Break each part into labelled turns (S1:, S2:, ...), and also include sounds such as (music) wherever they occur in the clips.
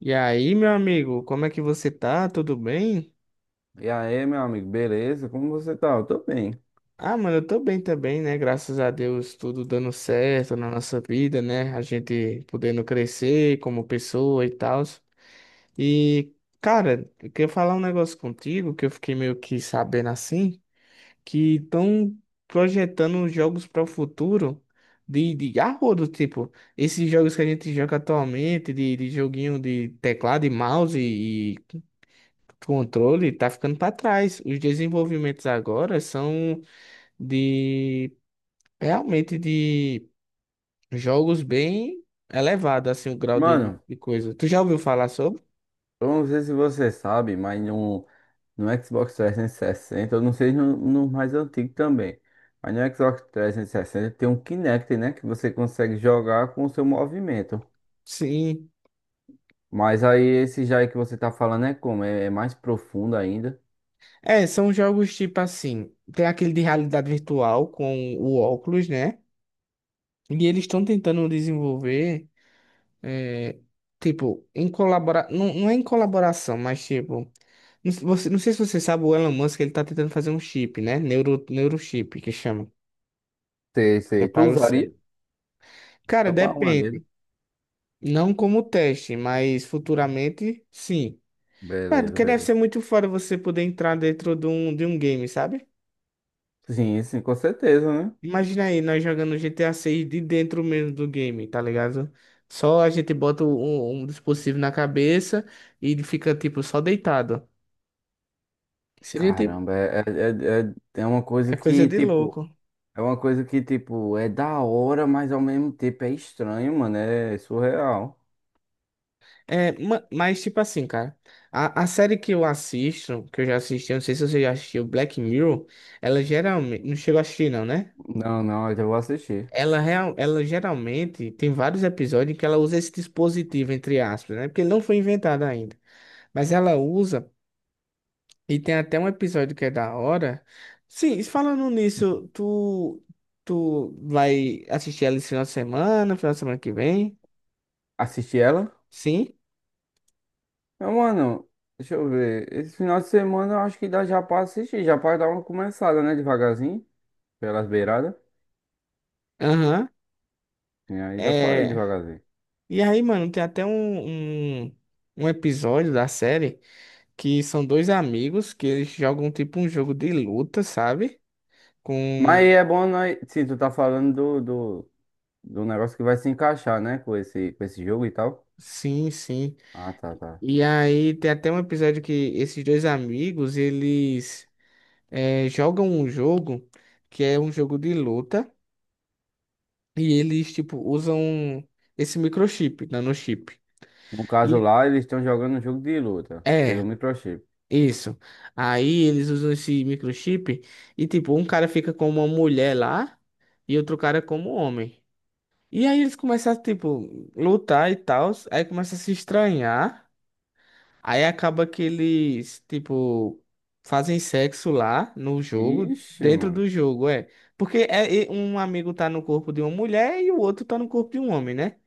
S1: E aí, meu amigo, como é que você tá? Tudo bem?
S2: E aí, meu amigo, beleza? Como você tá? Eu tô bem.
S1: Ah, mano, eu tô bem também, né? Graças a Deus, tudo dando certo na nossa vida, né? A gente podendo crescer como pessoa e tal. E, cara, eu queria falar um negócio contigo que eu fiquei meio que sabendo assim, que estão projetando jogos para o futuro de arrodo, tipo, esses jogos que a gente joga atualmente, de joguinho de teclado e mouse e controle está ficando para trás. Os desenvolvimentos agora são de realmente de jogos bem elevado, assim, o grau de,
S2: Mano,
S1: de coisa. Tu já ouviu falar sobre?
S2: eu não sei se você sabe, mas no Xbox 360, eu não sei no mais antigo também, mas no Xbox 360 tem um Kinect, né? Que você consegue jogar com o seu movimento.
S1: Sim.
S2: Mas aí esse já aí que você tá falando é como? É mais profundo ainda.
S1: É, são jogos tipo assim, tem aquele de realidade virtual com o óculos, né? E eles estão tentando desenvolver, é, tipo, não, não é em colaboração, mas tipo, não, você, não sei se você sabe, o Elon Musk, ele tá tentando fazer um chip, né? Neurochip, que chama.
S2: Sei, sei. Tu
S1: Prepara o
S2: usaria?
S1: cérebro. Cara,
S2: Só pra arrumar dedo.
S1: depende. Não como teste, mas futuramente, sim. Cara,
S2: Beleza,
S1: porque deve
S2: beleza.
S1: ser muito fora você poder entrar dentro de um game, sabe?
S2: Sim, sim, com certeza, né?
S1: Imagina aí, nós jogando GTA 6 de dentro mesmo do game, tá ligado? Só a gente bota um dispositivo na cabeça e ele fica, tipo, só deitado. Seria, tipo,
S2: Caramba, é uma coisa
S1: é coisa
S2: que,
S1: de
S2: tipo.
S1: louco.
S2: É uma coisa que, tipo, é da hora, mas ao mesmo tempo é estranho, mano. É surreal.
S1: É, mas, tipo assim, cara, a série que eu assisto, que eu já assisti, eu não sei se você já assistiu, Black Mirror, ela geralmente. Não chegou a assistir, não, né?
S2: Não, não, eu já vou assistir.
S1: Ela geralmente tem vários episódios em que ela usa esse dispositivo, entre aspas, né? Porque ele não foi inventado ainda. Mas ela usa, e tem até um episódio que é da hora. Sim, e falando nisso, tu vai assistir ela esse final de semana que vem?
S2: Assistir ela?
S1: Sim?
S2: Não, mano, deixa eu ver. Esse final de semana eu acho que dá já pra assistir. Já pra dar uma começada, né? Devagarzinho. Pelas beiradas.
S1: Aham.
S2: E aí dá pra ir
S1: É...
S2: devagarzinho.
S1: E aí, mano, tem até um episódio da série que são dois amigos que eles jogam tipo um jogo de luta, sabe?
S2: Mas
S1: Com.
S2: é bom nós. Sim, tu tá falando do, do negócio que vai se encaixar, né? Com esse jogo e tal.
S1: Sim, sim.
S2: Ah, tá, tá.
S1: E aí tem até um episódio que esses dois amigos, eles jogam um jogo que é um jogo de luta e eles, tipo, usam esse microchip, nanochip.
S2: No caso
S1: E
S2: lá, eles estão jogando um jogo de luta. Pelo
S1: é,
S2: microchip.
S1: isso. Aí eles usam esse microchip e, tipo, um cara fica com uma mulher lá e outro cara como homem. E aí eles começam a, tipo, lutar e tal, aí começa a se estranhar. Aí acaba que eles, tipo, fazem sexo lá no jogo,
S2: Ixi,
S1: dentro
S2: mano.
S1: do jogo, é. Porque um amigo tá no corpo de uma mulher e o outro tá no corpo de um homem, né?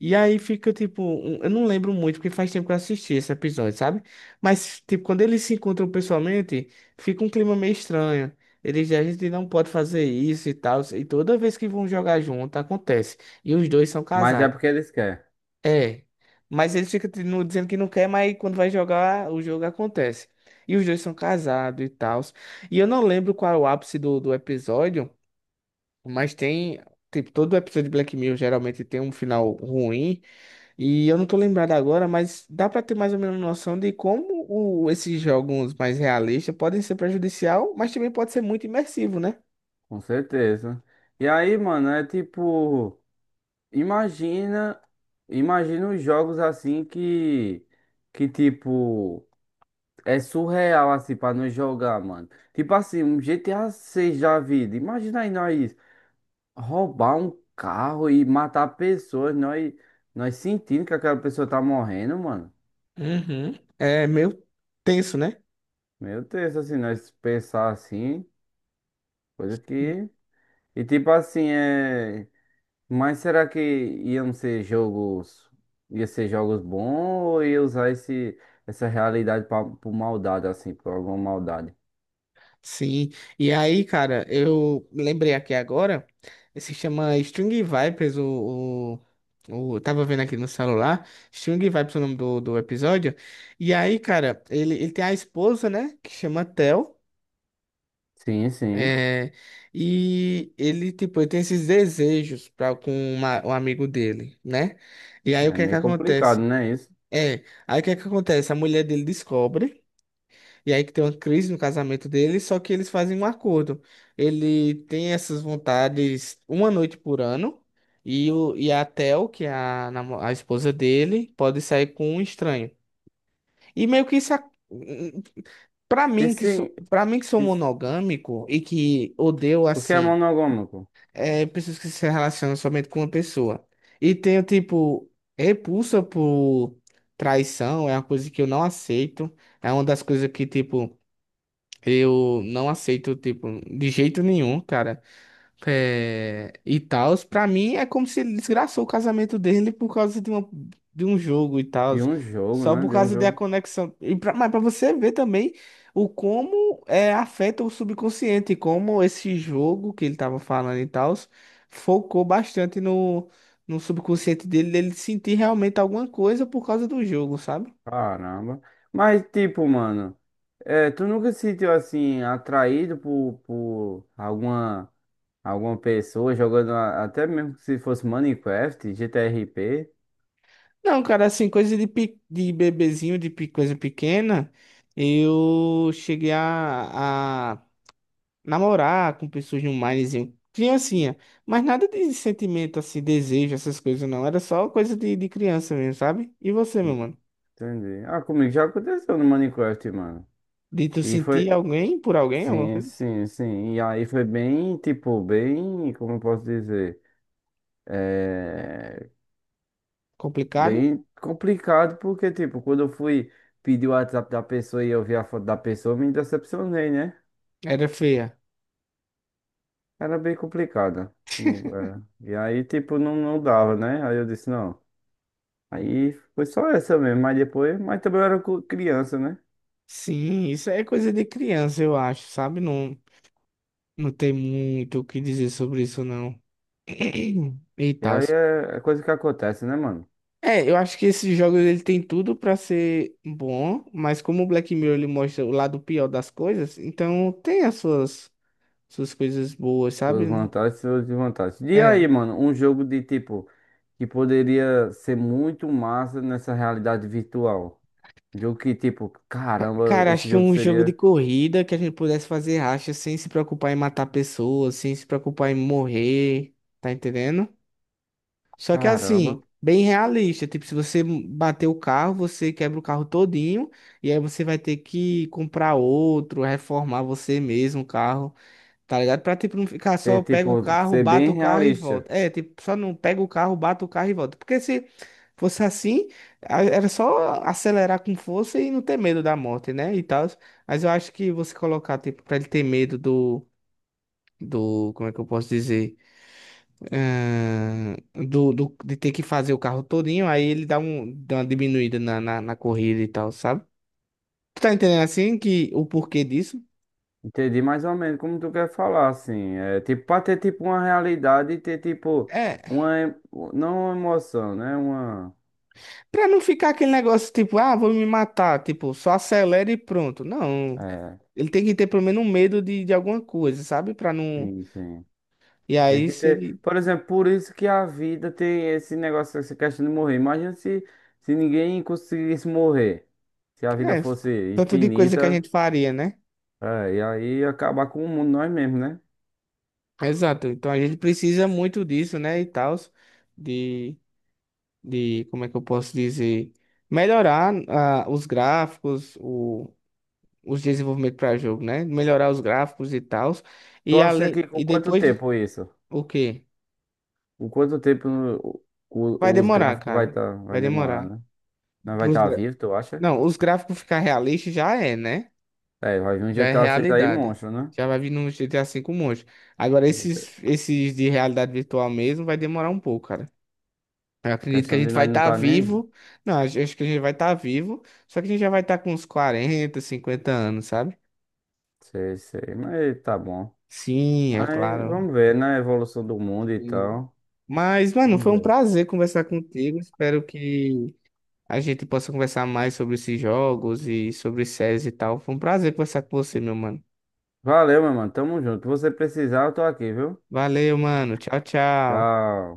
S1: E aí fica, tipo, eu não lembro muito, porque faz tempo que eu assisti esse episódio, sabe? Mas, tipo, quando eles se encontram pessoalmente, fica um clima meio estranho. Eles dizem, a gente não pode fazer isso e tal. E toda vez que vão jogar junto, acontece. E os dois são
S2: Mas é
S1: casados.
S2: porque eles querem,
S1: É, mas ele fica dizendo que não quer, mas quando vai jogar, o jogo acontece. E os dois são casados e tal. E eu não lembro qual é o ápice do episódio, mas tem. Tipo, todo episódio de Black Mirror geralmente tem um final ruim. E eu não tô lembrado agora, mas dá pra ter mais ou menos noção de como esses jogos mais realistas podem ser prejudicial, mas também pode ser muito imersivo, né?
S2: com certeza. E aí, mano, é tipo, imagina, imagina os jogos assim que, tipo, é surreal assim pra nós jogar, mano. Tipo assim, um GTA 6 da vida. Imagina aí nós roubar um carro e matar pessoas, nós sentindo que aquela pessoa tá morrendo, mano.
S1: Uhum. É meio tenso, né?
S2: Meu Deus, assim, nós pensar assim, coisa que. E tipo assim, é. Mas será que iam ser jogos, ia ser jogos bons ou ia usar essa realidade pra, por maldade, assim, por alguma maldade?
S1: Sim, e aí, cara, eu lembrei aqui agora, se chama String Vipers, tava vendo aqui no celular, String Vipers é o nome do episódio, e aí, cara, ele tem a esposa, né, que chama Tel,
S2: Sim, sim.
S1: é, e ele, tipo, ele tem esses desejos pra, com uma, um amigo dele, né, e aí o
S2: É
S1: que é que
S2: meio complicado,
S1: acontece?
S2: né? Isso.
S1: É, aí o que é que acontece? A mulher dele descobre, e aí que tem uma crise no casamento dele, só que eles fazem um acordo. Ele tem essas vontades uma noite por ano, e a Tel, que é a esposa dele, pode sair com um estranho. E meio que isso. Pra
S2: E
S1: mim que sou,
S2: sim,
S1: para mim que sou
S2: isso,
S1: monogâmico e que odeio
S2: o que é
S1: assim,
S2: monogâmico?
S1: é pessoas que se relacionam somente com uma pessoa. E tenho tipo repulsa por traição, é uma coisa que eu não aceito. É uma das coisas que tipo eu não aceito, tipo, de jeito nenhum, cara. É, e tal. Pra mim é como se ele desgraçou o casamento dele por causa de um jogo e tal.
S2: De um jogo,
S1: Só
S2: né?
S1: por
S2: De um
S1: causa da
S2: jogo.
S1: conexão. E mas pra você ver também o como é, afeta o subconsciente, como esse jogo que ele tava falando e tal, focou bastante no subconsciente dele sentir realmente alguma coisa por causa do jogo, sabe?
S2: Caramba. Mas, tipo, mano, é, tu nunca se sentiu assim, atraído por alguma pessoa jogando, até mesmo se fosse Minecraft, GTRP?
S1: Não, cara, assim, coisa de bebezinho, coisa pequena, eu cheguei a namorar com pessoas de um minezinho, criancinha, mas nada de sentimento, assim, desejo, essas coisas não, era só coisa de criança mesmo, sabe? E você, meu mano?
S2: Entendi. Ah, comigo já aconteceu no Minecraft, mano.
S1: De tu
S2: E foi.
S1: sentir alguém por alguém, alguma
S2: Sim,
S1: coisa
S2: sim, sim. E aí foi bem, tipo, bem. Como eu posso dizer? É.
S1: complicado?
S2: Bem complicado, porque, tipo, quando eu fui pedir o WhatsApp da pessoa e eu vi a foto da pessoa, eu me decepcionei, né?
S1: Era feia.
S2: Era bem complicado. Não, é. E aí, tipo, não, não dava, né? Aí eu disse, não. Aí foi só essa mesmo. Mas depois. Mas também eu era criança, né?
S1: Sim, isso é coisa de criança, eu acho, sabe? Não, não tem muito o que dizer sobre isso, não. (clears throat) E
S2: E
S1: tal.
S2: aí é coisa que acontece, né, mano?
S1: É, eu acho que esse jogo ele tem tudo pra ser bom, mas como o Black Mirror ele mostra o lado pior das coisas, então tem as suas coisas boas,
S2: Suas
S1: sabe?
S2: vantagens e suas desvantagens. E
S1: É.
S2: aí, mano, um jogo de tipo que poderia ser muito massa nessa realidade virtual. Um jogo que, tipo,
S1: Ca-
S2: caramba,
S1: Cara, acho
S2: esse
S1: que
S2: jogo
S1: um jogo de
S2: seria.
S1: corrida que a gente pudesse fazer racha sem se preocupar em matar pessoas, sem se preocupar em morrer, tá entendendo? Só que
S2: Caramba.
S1: assim, bem realista, tipo, se você bater o carro, você quebra o carro todinho e aí você vai ter que comprar outro, reformar você mesmo o carro. Tá ligado? Pra, tipo, não ficar só
S2: Ter,
S1: pega o
S2: tipo,
S1: carro,
S2: ser
S1: bate
S2: bem
S1: o carro e
S2: realista.
S1: volta. É, tipo, só não pega o carro, bate o carro e volta. Porque se fosse assim, era só acelerar com força e não ter medo da morte, né? E tal. Mas eu acho que você colocar, tipo, pra ele ter medo do. Do, como é que eu posso dizer? Ahn, de ter que fazer o carro todinho, aí ele dá uma diminuída na corrida e tal, sabe? Tu tá entendendo assim que o porquê disso?
S2: Entendi mais ou menos como tu quer falar, assim. É tipo, pra ter tipo uma realidade e ter tipo
S1: é
S2: uma. Não uma emoção, né? Uma.
S1: Pra não ficar aquele negócio tipo, ah, vou me matar, tipo, só acelera e pronto. Não,
S2: É.
S1: ele tem que ter pelo menos um medo de alguma coisa, sabe? Pra não.
S2: Sim, sim.
S1: E
S2: Tem
S1: aí,
S2: que
S1: se
S2: ter.
S1: ele.
S2: Por exemplo, por isso que a vida tem esse negócio, essa questão de morrer. Imagina se ninguém conseguisse morrer. Se a vida
S1: É,
S2: fosse
S1: tanto de coisa que a
S2: infinita,
S1: gente faria, né?
S2: é, e aí ia acabar com o mundo nós mesmos, né?
S1: Exato. Então a gente precisa muito disso, né? E tal, de, como é que eu posso dizer? Melhorar os gráficos, os desenvolvimentos para jogo, né? Melhorar os gráficos e tal.
S2: Tu
S1: E
S2: acha
S1: além.
S2: que com
S1: E
S2: quanto
S1: depois de.
S2: tempo isso?
S1: O quê?
S2: Com quanto tempo
S1: Vai
S2: os
S1: demorar,
S2: gráficos vai,
S1: cara.
S2: tá, vai
S1: Vai
S2: demorar,
S1: demorar.
S2: né? Nós vai
S1: Pros
S2: estar tá
S1: gra-
S2: vivo, tu acha?
S1: Não, os gráficos ficar realistas já é, né?
S2: É, vai vir um
S1: Já é
S2: GTA 6 aí,
S1: realidade.
S2: monstro, né?
S1: Já vai vir no GTA V um monte. Agora, esses,
S2: GTA
S1: esses de realidade virtual mesmo vai demorar um pouco, cara. Eu acredito que a
S2: Questão de
S1: gente vai
S2: nós não
S1: estar
S2: tá nem vivo.
S1: vivo. Não, acho que a gente vai estar vivo. Só que a gente já vai estar com uns 40, 50 anos, sabe?
S2: Sei, sei, mas tá bom.
S1: Sim, é
S2: Mas
S1: claro.
S2: vamos ver, né? A evolução do mundo e
S1: Sim.
S2: tal.
S1: Mas, mano,
S2: Vamos
S1: foi um
S2: ver.
S1: prazer conversar contigo. Espero que a gente possa conversar mais sobre esses jogos e sobre séries e tal. Foi um prazer conversar com você, meu mano.
S2: Valeu, meu mano. Tamo junto. Se você precisar, eu tô aqui, viu?
S1: Valeu, mano. Tchau, tchau.
S2: Tchau.